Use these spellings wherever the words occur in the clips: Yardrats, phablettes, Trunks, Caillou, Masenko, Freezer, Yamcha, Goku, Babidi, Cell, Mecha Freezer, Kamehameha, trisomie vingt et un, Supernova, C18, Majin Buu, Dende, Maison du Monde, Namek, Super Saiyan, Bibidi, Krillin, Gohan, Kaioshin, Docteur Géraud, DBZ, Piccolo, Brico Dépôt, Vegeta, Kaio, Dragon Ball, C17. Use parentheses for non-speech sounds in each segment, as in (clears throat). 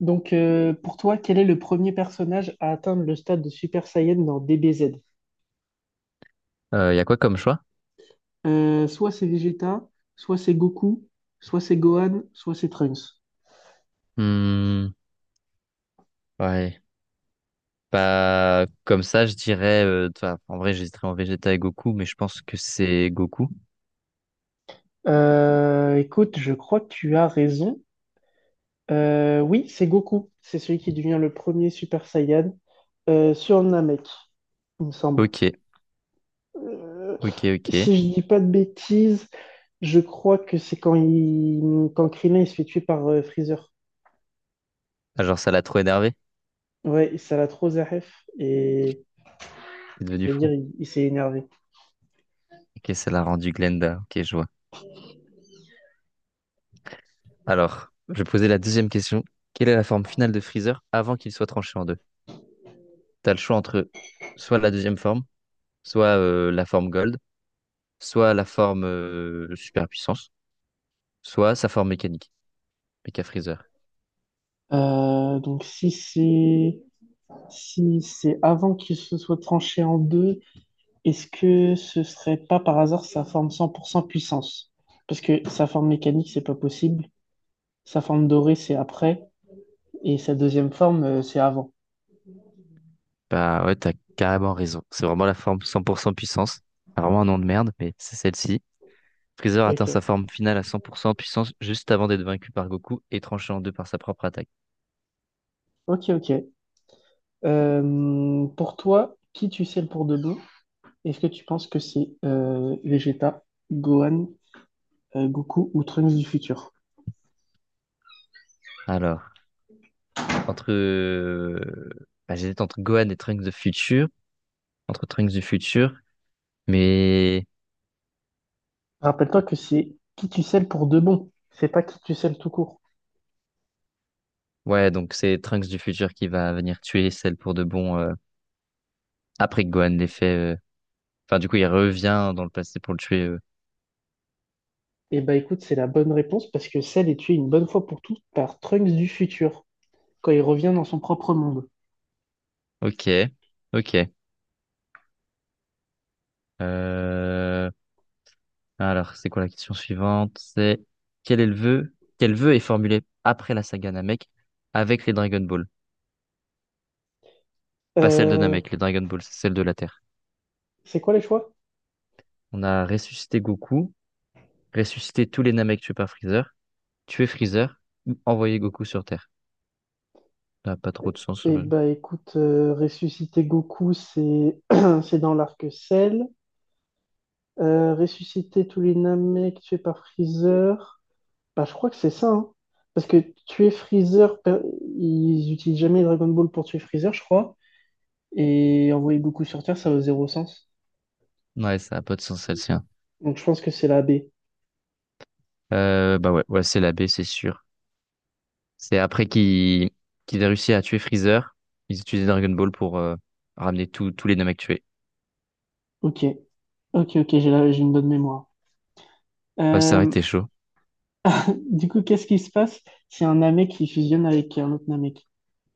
Donc, pour toi, quel est le premier personnage à atteindre le stade de Super Saiyan dans DBZ? Il y a quoi comme choix? Soit c'est Vegeta, soit c'est Goku, soit c'est Gohan, soit c'est Trunks. Hmm, ouais. Comme ça, je dirais. Toi, en vrai, j'hésiterais en Vegeta et Goku, mais je pense que c'est Goku. Écoute, je crois que tu as raison. Oui, c'est Goku. C'est celui qui devient le premier Super Saiyan sur Namek, il me semble. Ok, Euh, ok, ok. si je dis pas de bêtises, je crois que c'est quand Krillin il se fait tuer par Freezer. Ah, genre, ça l'a trop énervé. Ouais, ça l'a trop Zaref et Il est devenu fou. c'est-à-dire, il s'est énervé. Ok, ça l'a rendu Glenda. Ok, je vois. Alors, je vais poser la deuxième question. Quelle est la forme finale de Freezer avant qu'il soit tranché en deux? T'as le choix entre soit la deuxième forme, soit la forme Gold, soit la forme Super Puissance, soit sa forme mécanique, Mecha Freezer. Donc, si c'est avant qu'il se soit tranché en deux, est-ce que ce serait pas par hasard sa forme 100% puissance? Parce que sa forme mécanique, c'est pas possible. Sa forme dorée, c'est après. Et sa deuxième forme, c'est avant. Bah ouais, t'as carrément raison. C'est vraiment la forme 100% puissance. C'est vraiment un nom de merde, mais c'est celle-ci. Freezer atteint sa Ok. forme finale à 100% puissance juste avant d'être vaincu par Goku et tranché en deux par sa propre attaque. Ok, ok. Pour toi, qui tu sais pour de bon? Est-ce que tu penses que c'est Vegeta, Gohan, Goku ou Trunks du futur? Alors, entre... euh, J'hésite entre Gohan et Trunks de Future, entre Trunks du futur, mais... Rappelle-toi que c'est qui tu selles pour de bon, c'est pas qui tu selles tout court. Ouais, donc c'est Trunks du futur qui va venir tuer celle pour de bon après que Gohan l'ait fait. Du coup, il revient dans le passé pour le tuer. Et bah écoute, c'est la bonne réponse parce que Cell est tué une bonne fois pour toutes par Trunks du futur quand il revient dans son propre monde. Ok, ok. Euh, Alors, c'est quoi la question suivante? C'est quel est le vœu? Quel vœu est formulé après la saga Namek avec les Dragon Ball? Pas celle de Euh, Namek, les Dragon Ball, c'est celle de la Terre. c'est quoi les choix? On a ressuscité Goku, ressuscité tous les Namek tués par Freezer, tué Freezer, ou envoyé Goku sur Terre. Ça n'a pas trop de sens. Et euh. bah écoute, ressusciter Goku, c'est (clears throat) c'est dans l'arc Cell. Ressusciter tous les Namek tués par Freezer. Bah je crois que c'est ça, hein. Parce que tuer Freezer, per- ils utilisent jamais Dragon Ball pour tuer Freezer, je crois. Et envoyer Goku sur Terre, ça a zéro sens. Ouais, ça n'a pas de sens celle-ci, hein. Donc je pense que c'est la B. Ouais, ouais, c'est la B, c'est sûr. C'est après qu'ils aient réussi à tuer Freezer, ils utilisaient Dragon Ball pour ramener tous les Namek tués. Ok, ok, ok, j'ai une bonne mémoire. Ouais, ça aurait Euh, été chaud. (laughs) Du coup, qu'est-ce qui se passe si un Namek qui fusionne avec un autre Namek?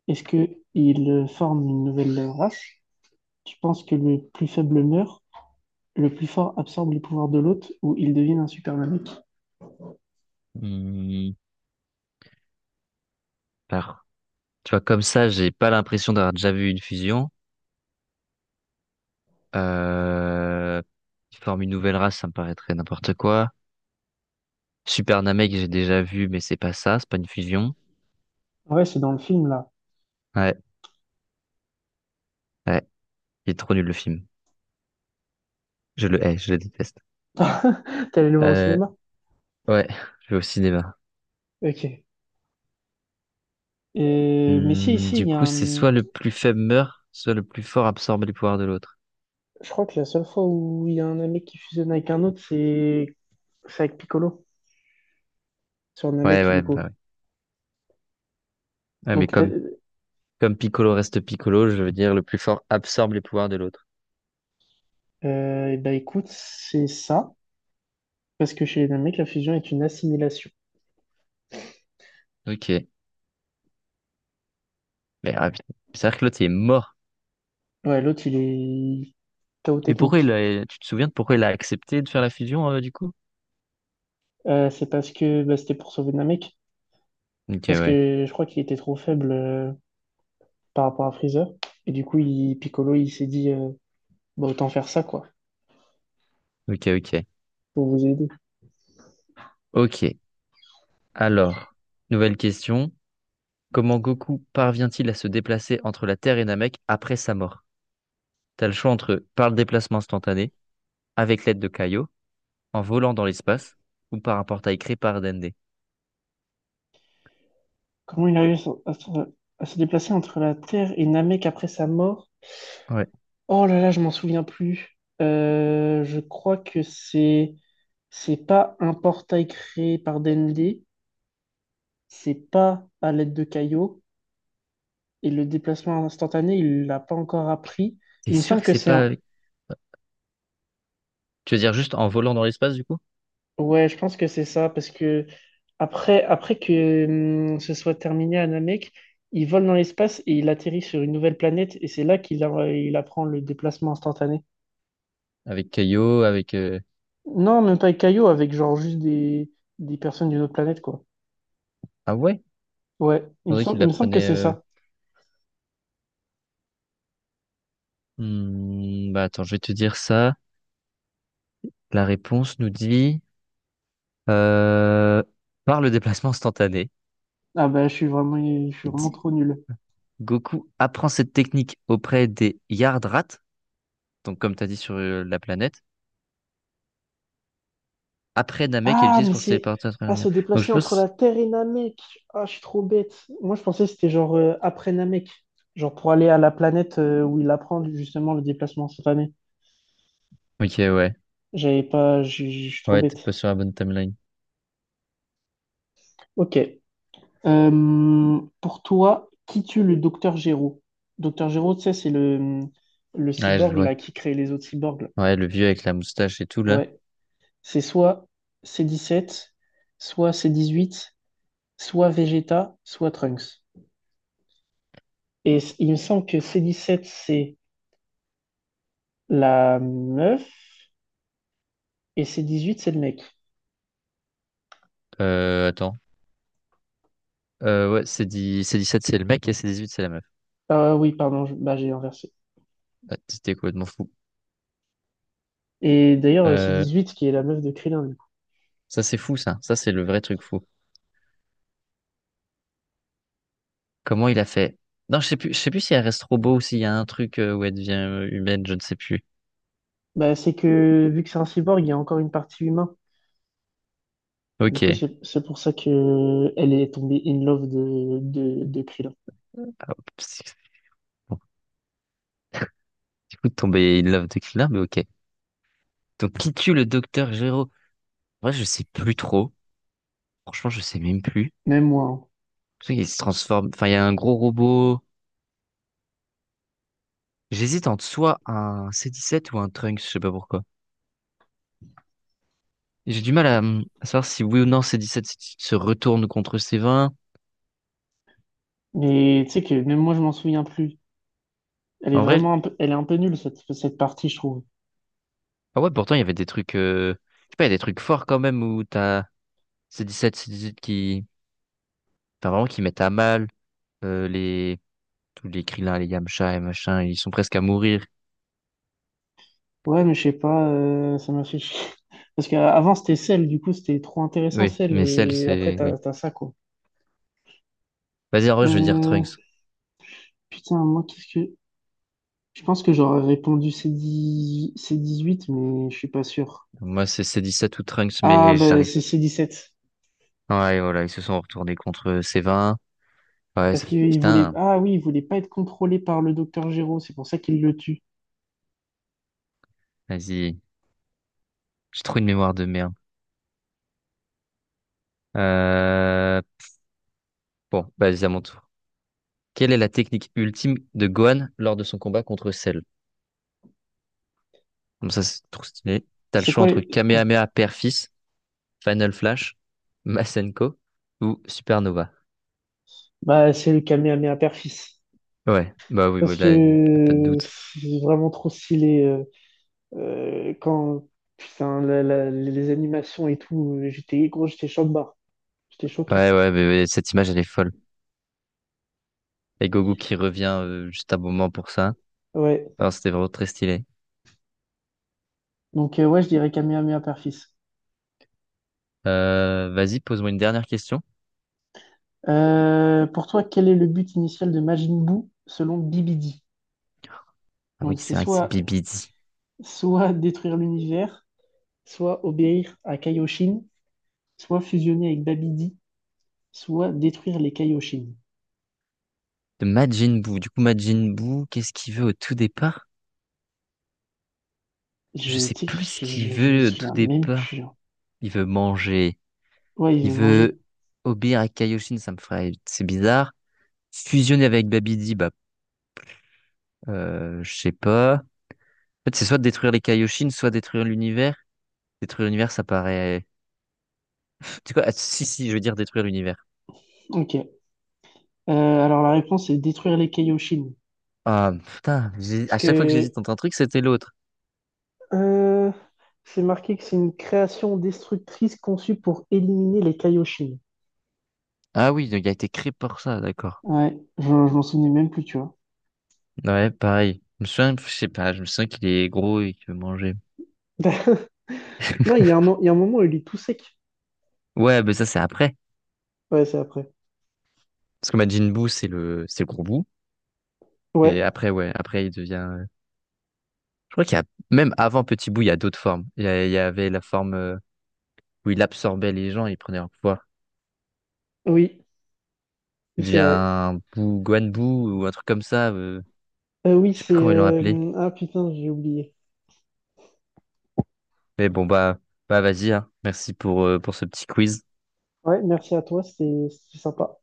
Est-ce que il forme une nouvelle race? Tu penses que le plus faible meurt, le plus fort absorbe les pouvoirs de l'autre ou il devient un super Namek? Hmm, alors, Tu vois, comme ça, j'ai pas l'impression d'avoir déjà vu une fusion. Euh... Ils forment une nouvelle race, ça me paraîtrait n'importe quoi. Super Namek, j'ai déjà vu, mais c'est pas ça, c'est pas une fusion. Ouais, c'est dans le film là. Ouais, ouais, il est trop nul le film. Je le hais, je le déteste. (laughs) T'es allé le voir au Euh, cinéma? ouais, (laughs) je vais au cinéma. Ok. Mais si, Du il y a coup, c'est un- soit le plus faible meurt, soit le plus fort absorbe les pouvoirs de l'autre. Je crois que la seule fois où il y a un Namek qui fusionne avec un autre, c'est avec Piccolo, sur un Ouais, Namek du ouais, bah coup. ouais. Ouais, mais Donc t'as- comme, Comme Piccolo reste Piccolo, je veux dire le plus fort absorbe les pouvoirs de l'autre. Et ben écoute, c'est ça, parce que chez les mecs, la fusion est une assimilation. Ok. Mais ah, putain, cest à que l'autre il est mort. Ouais, l'autre, il est KO Mais pourquoi technique. il a... tu te souviens de pourquoi il a accepté de faire la fusion du coup? C'est parce que bah, c'était pour sauver Namek, Ok, parce ouais. que je crois qu'il était trop faible par rapport à Freezer. Et du coup, Piccolo, il s'est dit, bah, autant faire ça, quoi, Ok, ok. pour vous aider. Ok. Alors, nouvelle question. Comment Goku parvient-il à se déplacer entre la Terre et Namek après sa mort? T'as le choix entre par le déplacement instantané, avec l'aide de Kaio, en volant dans l'espace, ou par un portail créé par Dende. Comment il a eu à, se à se déplacer entre la Terre et Namek après sa mort? Ouais. Oh là là, je m'en souviens plus. Je crois que c'est pas un portail créé par Dende, c'est pas à l'aide de caillots. Et le déplacement instantané, il l'a pas encore appris. T'es Il me sûr semble que que c'est c'est pas un... avec... Tu veux dire juste en volant dans l'espace du coup? Ouais, je pense que c'est ça, parce que après que ce soit terminé à Namek, il vole dans l'espace et il atterrit sur une nouvelle planète, et c'est là il apprend le déplacement instantané. Avec Kaio, Non, même pas avec Caillou, avec genre des personnes d'une autre planète, quoi. ah ouais? Ouais, Je pensais qu'il il la me semble que prenait... c'est ça. hmm, Bah Attends, je vais te dire ça. La réponse nous dit... Euh, Par le déplacement instantané, Ah bah, je suis il vraiment dit, trop nul. Goku apprend cette technique auprès des Yardrats, donc comme tu as dit sur la planète, après Namek et Ah, l'utilise mais pour se c'est. téléporter à travers Ah, se l'univers. Donc je déplacer entre pense... la Terre et Namek. Ah, je suis trop bête. Moi, je pensais que c'était genre après Namek. Genre pour aller à la planète où il apprend justement le déplacement instantané. Ok, ouais. J'avais pas. Je suis trop Ouais, t'es bête. pas sur la bonne timeline. Ok. Pour toi, qui tue le docteur Géraud? Docteur Géraud, tu sais, c'est le Ouais, je cyborg vois. là, qui crée les autres cyborgs. Là. Ouais, le vieux avec la moustache et tout, là. Ouais. C'est soit C17, soit C18, soit Vegeta, soit Trunks. Et c- il me semble que C17, c'est la meuf et c'est 18, c'est le mec. Attends. Ouais, c'est dit... c'est 17 c'est le mec, et c'est 18 c'est la meuf. Ah oui, pardon, je- bah, j'ai inversé. Ah, c'était complètement fou. Et d'ailleurs, c'est Euh, 18 qui est la meuf de Krillin, du coup. ça, c'est fou, ça. Ça, c'est le vrai truc fou. Comment il a fait? Non, je sais plus si elle reste robot ou s'il y a un truc où elle devient humaine, je ne sais plus. Bah, c'est que, vu que c'est un cyborg, il y a encore une partie humain. Du coup, Ok. C'est pour ça que elle est tombée in love de Krillin. Ah, c'est- Bon, du coup, de tomber in love de Krillin, mais ok. Donc, qui tue le docteur Gero? En vrai, je sais plus trop. Franchement, je sais même plus. Même moi. Hein. Je sais qu'il se transforme. Enfin, il y a un gros robot. J'hésite entre soit un C17 ou un Trunks, je sais pas pourquoi. J'ai du mal à savoir si oui ou non C17 se retourne contre C20. Mais tu sais que même moi, je m'en souviens plus. Elle est En vrai, vraiment un peu, elle est un peu nulle, cette partie, je trouve. ah ouais, pourtant, il y avait des trucs, je sais pas, il y a des trucs forts quand même où t'as C17, C18 qui vraiment, qui mettent à mal, euh, les, tous les Krillin, les Yamcha et machin, ils sont presque à mourir. Ouais, mais je sais pas, ça m'a fait chier. (laughs) Parce qu'avant, c'était celle, du coup, c'était trop intéressant, Oui, celle. mais celle, Et après, c'est. Oui. T'as ça, quoi. Vas-y, en vrai, je veux dire Euh, Trunks. Putain, moi, qu'est-ce que. Je pense que j'aurais répondu C huit mais je suis pas sûr. Moi, c'est C17 ou Trunks, Ah, mais bah, j'arrive. c'est C sept Ouais, voilà, ils se sont retournés contre C20. Ouais, parce ça... qu'il voulait. putain, Ah oui, il voulait pas être contrôlé par le docteur Géraud, c'est pour ça qu'il le tue. vas-y. J'ai trop une mémoire de merde. Euh... vas-y, à mon tour. Quelle est la technique ultime de Gohan lors de son combat contre Cell? Bon, ça, c'est trop stylé. T'as le C'est choix quoi? entre Les- Kamehameha Père-Fils, Final Flash, Masenko ou Supernova. Bah, c'est le Kamehameha Père-Fils. Ouais, bah oui, Parce oui, là, y a pas de que doute. c'est vraiment trop stylé. Quand. Putain, les animations et tout, j'étais gros, j'étais choqué. J'étais choqué. Ouais, ouais, mais cette image, elle est folle. Et Gogo qui revient juste à bon moment pour ça. Ouais. Alors, c'était vraiment très stylé. Donc, ouais, je dirais Kamehameha Père-Fils. Vas-y, pose-moi une dernière question. Pour toi, quel est le but initial de Majin Buu selon Bibidi. Ah oui, Donc, c'est c'est vrai que c'est Bibidi. soit détruire l'univers, soit obéir à Kaioshin, soit fusionner avec Babidi, soit détruire les Kaioshin. De Majin Buu. Du coup, Majin Buu, qu'est-ce qu'il veut au tout départ? Je Je, sais tu plus ce sais, qu'il je me veut au tout souviens même départ. plus. Hein. Il veut manger. Ouais, il Il veut manger. veut obéir à Kaioshin, ça me ferait, c'est bizarre. Fusionner avec Babidi, je sais pas. En fait, c'est soit détruire les Kaioshin, soit détruire l'univers. Détruire l'univers, ça paraît. Tu sais quoi? Ah, si, si, je veux dire détruire l'univers. Ok. Alors, la réponse est détruire les Kaioshin. Ah, putain, j'ai- Parce à chaque fois que que j'hésite entre un truc, c'était l'autre. euh, c'est marqué que c'est une création destructrice conçue pour éliminer les Kaioshin. Ah oui, donc il a été créé pour ça, d'accord. Ouais, je m'en souvenais même plus, tu vois. Ouais, pareil. Je me souviens, je sais pas, je me souviens qu'il est gros et qu'il veut manger. (laughs) Non, il y a un, il y a un moment où il est tout sec. Ouais, mais ça, c'est après. Ouais, c'est après. Parce que Majin Buu, c'est le gros bout. Et Ouais, après, ouais, après, il devient. Je crois qu'il y a, même avant Petit Bout, il y a d'autres formes. Il y avait la forme où il absorbait les gens, il prenait leur pouvoir. oui, Il c'est devient vrai. un Buu, Guan Buu, ou un truc comme ça. Je sais plus comment ils l'ont appelé. Ah putain, j'ai oublié. Mais bon, vas-y, hein. Merci pour ce petit quiz. Ouais, merci à toi, c'était sympa.